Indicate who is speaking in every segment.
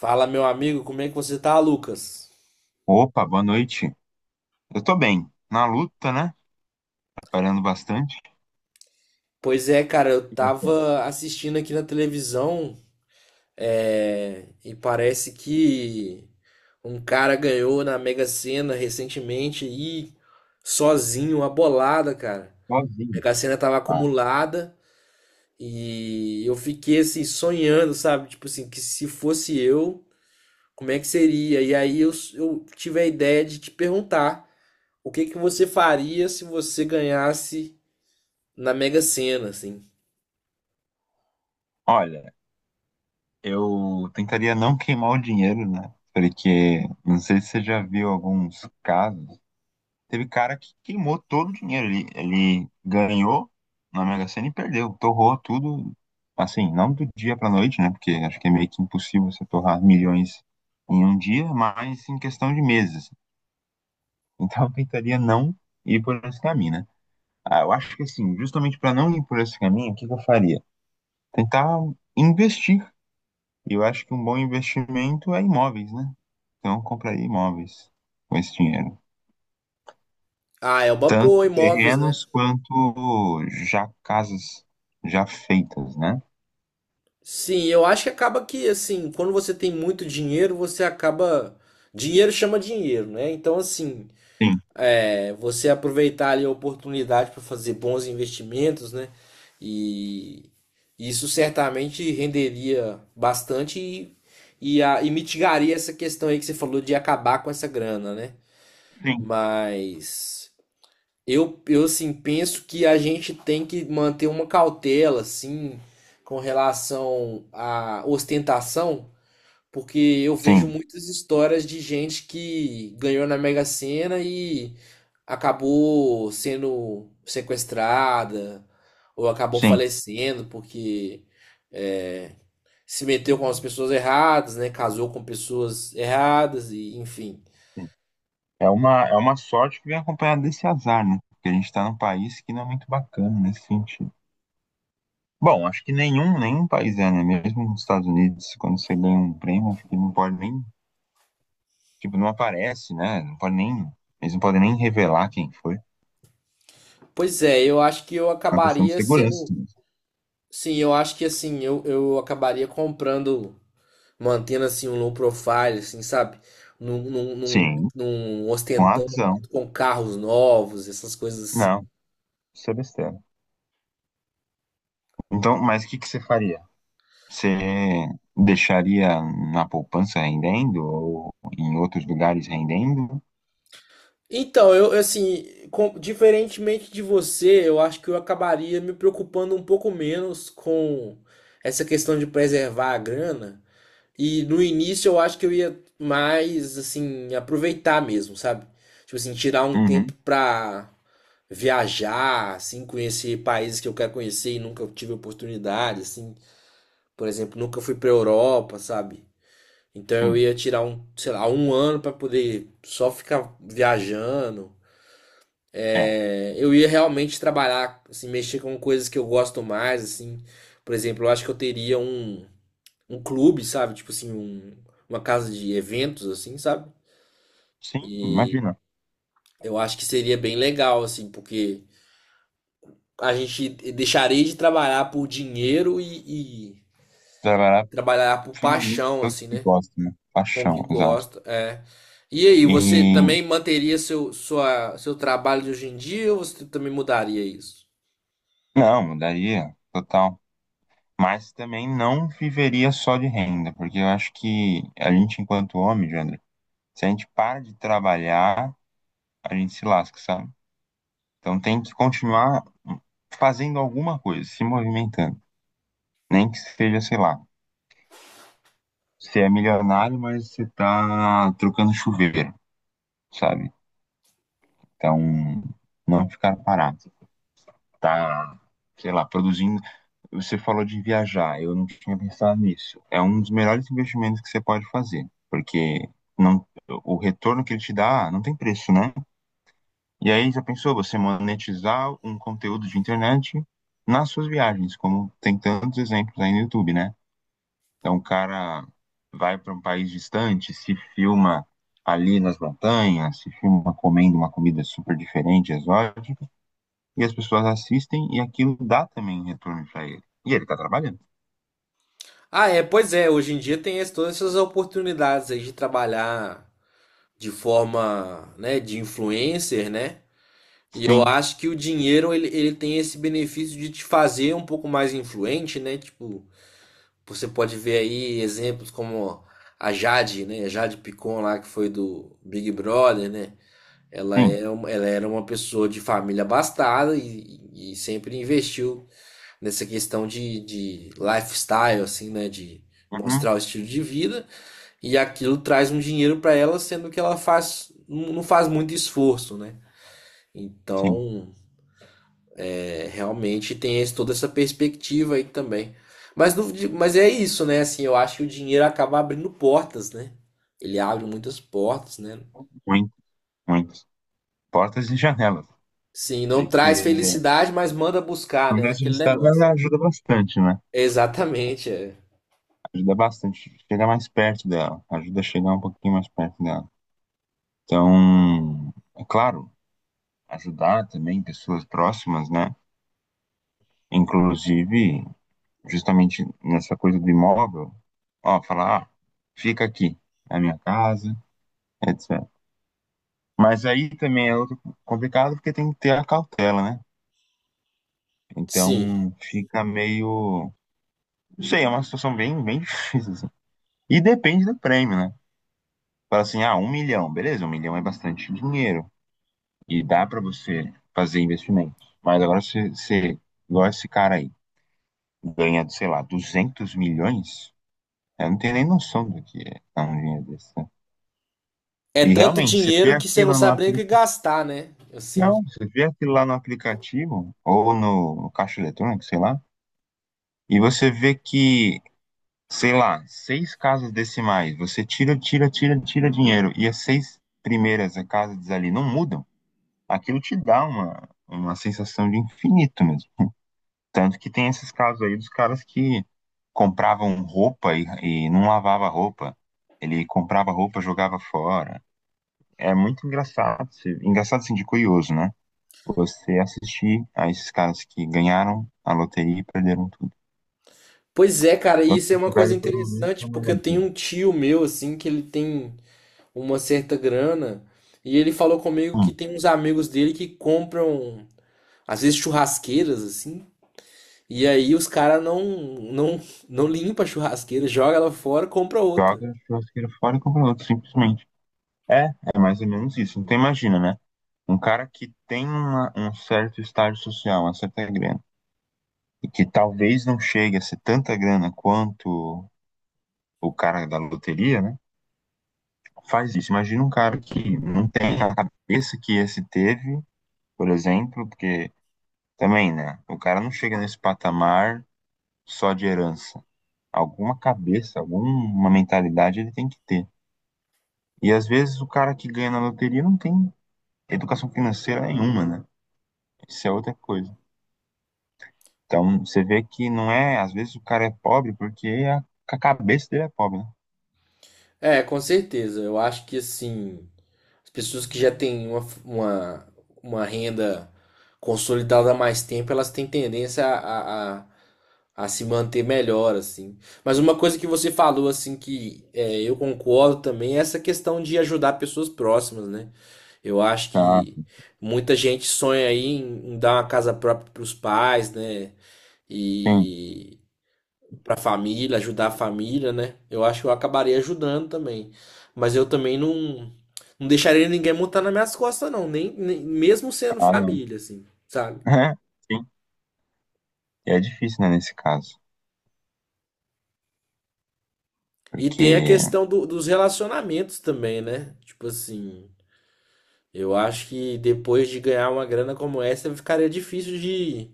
Speaker 1: Fala, meu amigo, como é que você tá, Lucas?
Speaker 2: Opa, boa noite. Eu tô bem. Na luta, né? Trabalhando bastante.
Speaker 1: Pois é, cara, eu
Speaker 2: E você?
Speaker 1: tava assistindo aqui na televisão, e parece que um cara ganhou na Mega Sena recentemente aí, sozinho, uma bolada, cara. A
Speaker 2: Sozinho.
Speaker 1: Mega Sena tava
Speaker 2: Ah,
Speaker 1: acumulada e eu fiquei assim sonhando, sabe? Tipo assim, que se fosse eu, como é que seria? E aí eu tive a ideia de te perguntar o que que você faria se você ganhasse na Mega Sena, assim.
Speaker 2: olha, eu tentaria não queimar o dinheiro, né? Porque não sei se você já viu alguns casos. Teve cara que queimou todo o dinheiro. Ele ganhou na Mega Sena e perdeu. Torrou tudo, assim, não do dia pra noite, né? Porque acho que é meio que impossível você torrar milhões em um dia, mas em questão de meses. Então eu tentaria não ir por esse caminho, né? Ah, eu acho que assim, justamente para não ir por esse caminho, o que que eu faria? Tentar investir. E eu acho que um bom investimento é imóveis, né? Então, eu compraria imóveis com esse dinheiro.
Speaker 1: Ah, é uma boa,
Speaker 2: Tanto
Speaker 1: imóveis, né?
Speaker 2: terrenos quanto já casas já feitas, né?
Speaker 1: Sim, eu acho que acaba que, assim, quando você tem muito dinheiro, você acaba. Dinheiro chama dinheiro, né? Então, assim,
Speaker 2: Sim,
Speaker 1: é, você aproveitar ali a oportunidade para fazer bons investimentos, né? E isso certamente renderia bastante e mitigaria essa questão aí que você falou de acabar com essa grana, né?
Speaker 2: sim,
Speaker 1: Mas. Eu assim, penso que a gente tem que manter uma cautela, assim, com relação à ostentação, porque eu vejo
Speaker 2: sim,
Speaker 1: muitas histórias de gente que ganhou na Mega Sena e acabou sendo sequestrada ou acabou
Speaker 2: sim.
Speaker 1: falecendo porque é, se meteu com as pessoas erradas, né? Casou com pessoas erradas e enfim.
Speaker 2: Sim. É uma sorte que vem acompanhada desse azar, né? Porque a gente está num país que não é muito bacana nesse sentido. Bom, acho que nenhum, nenhum país é, né? Mesmo nos Estados Unidos, quando você ganha um prêmio, acho que não pode nem. Tipo, não aparece, né? Não pode nem, eles não podem nem revelar quem foi. É
Speaker 1: Pois é, eu acho que eu
Speaker 2: uma questão de
Speaker 1: acabaria
Speaker 2: segurança
Speaker 1: sendo.
Speaker 2: mesmo.
Speaker 1: Sim, eu acho que assim, eu acabaria comprando, mantendo assim um low profile, assim, sabe? Não, não, não,
Speaker 2: Sim,
Speaker 1: não
Speaker 2: com
Speaker 1: ostentando
Speaker 2: razão.
Speaker 1: muito com carros novos, essas coisas assim.
Speaker 2: Não, isso é besteira. Então, mas o que que você faria? Você deixaria na poupança rendendo ou em outros lugares rendendo?
Speaker 1: Então, eu assim, diferentemente de você, eu acho que eu acabaria me preocupando um pouco menos com essa questão de preservar a grana. E no início eu acho que eu ia mais assim aproveitar mesmo, sabe? Tipo assim, tirar um tempo
Speaker 2: Uhum,
Speaker 1: pra viajar, assim, conhecer países que eu quero conhecer e nunca tive oportunidade, assim. Por exemplo, nunca fui pra Europa, sabe? Então eu
Speaker 2: sim.
Speaker 1: ia tirar um, sei lá, um ano pra poder só ficar viajando.
Speaker 2: É,
Speaker 1: É, eu ia realmente trabalhar, assim, mexer com coisas que eu gosto mais, assim. Por exemplo, eu acho que eu teria um clube, sabe? Tipo assim, um, uma casa de eventos, assim, sabe?
Speaker 2: sim,
Speaker 1: E
Speaker 2: imagina.
Speaker 1: eu acho que seria bem legal, assim, porque a gente deixaria de trabalhar por dinheiro e
Speaker 2: Trabalhar
Speaker 1: trabalhar por
Speaker 2: finalmente
Speaker 1: paixão,
Speaker 2: pelo
Speaker 1: assim,
Speaker 2: que
Speaker 1: né?
Speaker 2: gosta, né?
Speaker 1: Com o que
Speaker 2: Paixão, exato.
Speaker 1: gosta. É. E aí, você também
Speaker 2: E
Speaker 1: manteria seu trabalho de hoje em dia ou você também mudaria isso?
Speaker 2: não, mudaria total. Mas também não viveria só de renda, porque eu acho que a gente, enquanto homem, Jandro, se a gente para de trabalhar, a gente se lasca, sabe? Então tem que continuar fazendo alguma coisa, se movimentando. Nem que seja, sei lá, você é milionário, mas você tá trocando chuveiro, sabe? Então, não ficar parado. Tá, sei lá, produzindo. Você falou de viajar, eu não tinha pensado nisso. É um dos melhores investimentos que você pode fazer, porque não, o retorno que ele te dá não tem preço, né? E aí já pensou você monetizar um conteúdo de internet nas suas viagens, como tem tantos exemplos aí no YouTube, né? Então o cara vai para um país distante, se filma ali nas montanhas, se filma comendo uma comida super diferente, exótica, e as pessoas assistem e aquilo dá também retorno para ele. E ele tá trabalhando.
Speaker 1: Ah, é, pois é, hoje em dia tem todas essas oportunidades aí de trabalhar de forma, né, de influencer, né? E eu
Speaker 2: Sim,
Speaker 1: acho que o dinheiro ele tem esse benefício de te fazer um pouco mais influente, né? Tipo, você pode ver aí exemplos como a Jade, né? A Jade Picon lá, que foi do Big Brother, né? Ela
Speaker 2: sim.
Speaker 1: era, ela era uma pessoa de família abastada e sempre investiu nessa questão de lifestyle, assim, né? De
Speaker 2: Uhum,
Speaker 1: mostrar o estilo de vida e aquilo traz um dinheiro para ela, sendo que ela faz, não faz muito esforço, né?
Speaker 2: sim,
Speaker 1: Então, é, realmente tem toda essa perspectiva aí também. Mas, no- mas é isso, né? Assim, eu acho que o dinheiro acaba abrindo portas, né? Ele abre muitas portas, né?
Speaker 2: muito, muito. Portas e janelas.
Speaker 1: Sim, não
Speaker 2: Porque
Speaker 1: traz felicidade, mas manda buscar,
Speaker 2: não
Speaker 1: né?
Speaker 2: deve
Speaker 1: Aquele
Speaker 2: solicitar, mas
Speaker 1: negócio.
Speaker 2: ela ajuda bastante, né?
Speaker 1: Exatamente, é.
Speaker 2: Ajuda bastante. Chega mais perto dela. Ajuda a chegar um pouquinho mais perto dela. Então, é claro, ajudar também pessoas próximas, né? Inclusive, justamente nessa coisa do imóvel, ó, falar, ah, fica aqui, na minha casa, etc. Mas aí também é outro complicado porque tem que ter a cautela, né? Então,
Speaker 1: Sim.
Speaker 2: fica meio. Não sei, é uma situação bem, bem difícil, assim. E depende do prêmio, né? Fala assim, ah, um milhão, beleza, um milhão é bastante dinheiro. E dá pra você fazer investimentos. Mas agora se você, igual esse cara aí, ganha, sei lá, 200 milhões, eu não tenho nem noção do que é dar um dinheiro desse, né?
Speaker 1: É
Speaker 2: E
Speaker 1: tanto
Speaker 2: realmente, você vê
Speaker 1: dinheiro que você não
Speaker 2: aquilo no
Speaker 1: sabe nem o que
Speaker 2: aplicativo.
Speaker 1: gastar, né? Assim.
Speaker 2: Não, você vê aquilo lá no aplicativo, ou no caixa eletrônico, sei lá, e você vê que sei lá, seis casas decimais, você tira, tira, tira, tira dinheiro, e as seis primeiras casas ali não mudam, aquilo te dá uma sensação de infinito mesmo. Tanto que tem esses casos aí dos caras que compravam roupa e não lavava roupa. Ele comprava roupa, jogava fora. É muito engraçado, se- engraçado assim de curioso, né? Você assistir a esses caras que ganharam a loteria e perderam tudo.
Speaker 1: Pois é, cara, e
Speaker 2: Quando
Speaker 1: isso é
Speaker 2: você
Speaker 1: uma coisa
Speaker 2: tiver, pelo menos, dá
Speaker 1: interessante,
Speaker 2: uma
Speaker 1: porque eu tenho
Speaker 2: olhadinha.
Speaker 1: um tio meu, assim, que ele tem uma certa grana, e ele falou comigo que
Speaker 2: Hum.
Speaker 1: tem uns amigos dele que compram às vezes churrasqueiras, assim. E aí os caras não, não limpa a churrasqueira, joga ela fora, compra outra.
Speaker 2: Joga a churrasqueira fora e compra outro, simplesmente. É, é mais ou menos isso. Então imagina, né? Um cara que tem uma- um certo estágio social, uma certa grana, e que talvez não chegue a ser tanta grana quanto o cara da loteria, né? Faz isso. Imagina um cara que não tem a cabeça que esse teve, por exemplo, porque também, né? O cara não chega nesse patamar só de herança. Alguma cabeça, alguma mentalidade ele tem que ter. E às vezes o cara que ganha na loteria não tem educação financeira nenhuma, né? Isso é outra coisa. Então, você vê que não é, às vezes o cara é pobre porque a cabeça dele é pobre, né?
Speaker 1: É, com certeza. Eu acho que assim, as pessoas que já têm uma renda consolidada há mais tempo, elas têm tendência a se manter melhor, assim. Mas uma coisa que você falou, assim, que é, eu concordo também, é essa questão de ajudar pessoas próximas, né? Eu acho
Speaker 2: Ah,
Speaker 1: que muita gente sonha aí em dar uma casa própria para os pais, né?
Speaker 2: sim.
Speaker 1: E para a família, ajudar a família, né? Eu acho que eu acabaria ajudando também. Mas eu também não deixaria ninguém montar nas minhas costas, não. Mesmo sendo
Speaker 2: Ah, não.
Speaker 1: família, assim, sabe?
Speaker 2: Sim. E é difícil, né, nesse caso.
Speaker 1: E tem a
Speaker 2: Porque,
Speaker 1: questão dos relacionamentos também, né? Tipo assim, eu acho que depois de ganhar uma grana como essa, ficaria difícil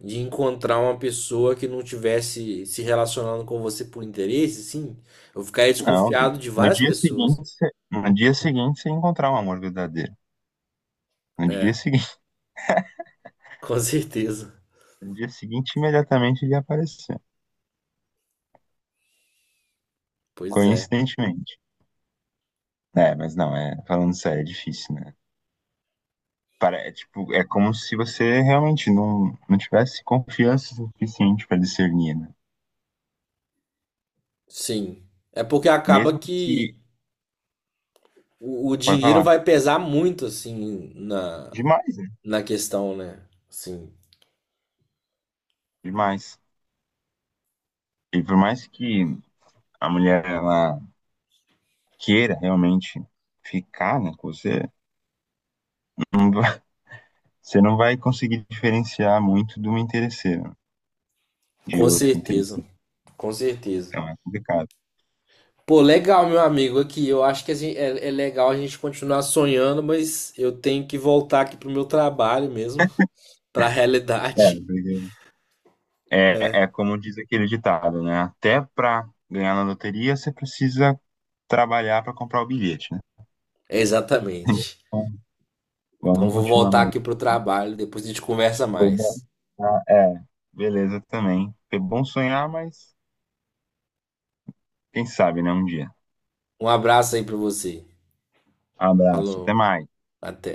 Speaker 1: de encontrar uma pessoa que não tivesse se relacionando com você por interesse, sim. Eu ficaria
Speaker 2: não,
Speaker 1: desconfiado de
Speaker 2: no
Speaker 1: várias
Speaker 2: dia seguinte,
Speaker 1: pessoas.
Speaker 2: você- no dia seguinte você encontrar um amor verdadeiro. No dia
Speaker 1: É,
Speaker 2: seguinte,
Speaker 1: com certeza.
Speaker 2: no dia seguinte imediatamente ele ia aparecer.
Speaker 1: Pois é.
Speaker 2: Coincidentemente. É, mas não, é, falando sério, é difícil, né? Para, é, tipo, é como se você realmente não tivesse confiança suficiente para discernir, né?
Speaker 1: Sim. É porque acaba
Speaker 2: Mesmo que,
Speaker 1: que o
Speaker 2: pode
Speaker 1: dinheiro
Speaker 2: falar,
Speaker 1: vai pesar muito, assim, na,
Speaker 2: demais, né?
Speaker 1: na questão, né? Sim.
Speaker 2: Demais. E por mais que a mulher ela queira realmente ficar, né, com você, não vai- você não vai conseguir diferenciar muito de uma interesseira, de
Speaker 1: Com
Speaker 2: outra
Speaker 1: certeza.
Speaker 2: interesseira.
Speaker 1: Com certeza.
Speaker 2: Então é complicado.
Speaker 1: Pô, legal, meu amigo, aqui. Eu acho que é, é legal a gente continuar sonhando, mas eu tenho que voltar aqui pro meu trabalho mesmo, pra
Speaker 2: É,
Speaker 1: realidade.
Speaker 2: porque-
Speaker 1: É.
Speaker 2: é, é como diz aquele ditado, né? Até para ganhar na loteria você precisa trabalhar para comprar o bilhete, né?
Speaker 1: Exatamente. Então
Speaker 2: Vamos
Speaker 1: vou
Speaker 2: continuar
Speaker 1: voltar
Speaker 2: na
Speaker 1: aqui
Speaker 2: luta.
Speaker 1: pro trabalho, depois a gente conversa
Speaker 2: Foi bom.
Speaker 1: mais.
Speaker 2: Ah, é, beleza também. Foi bom sonhar, mas quem sabe, né? Um dia.
Speaker 1: Um abraço aí pra você.
Speaker 2: Abraço, até
Speaker 1: Falou,
Speaker 2: mais.
Speaker 1: até.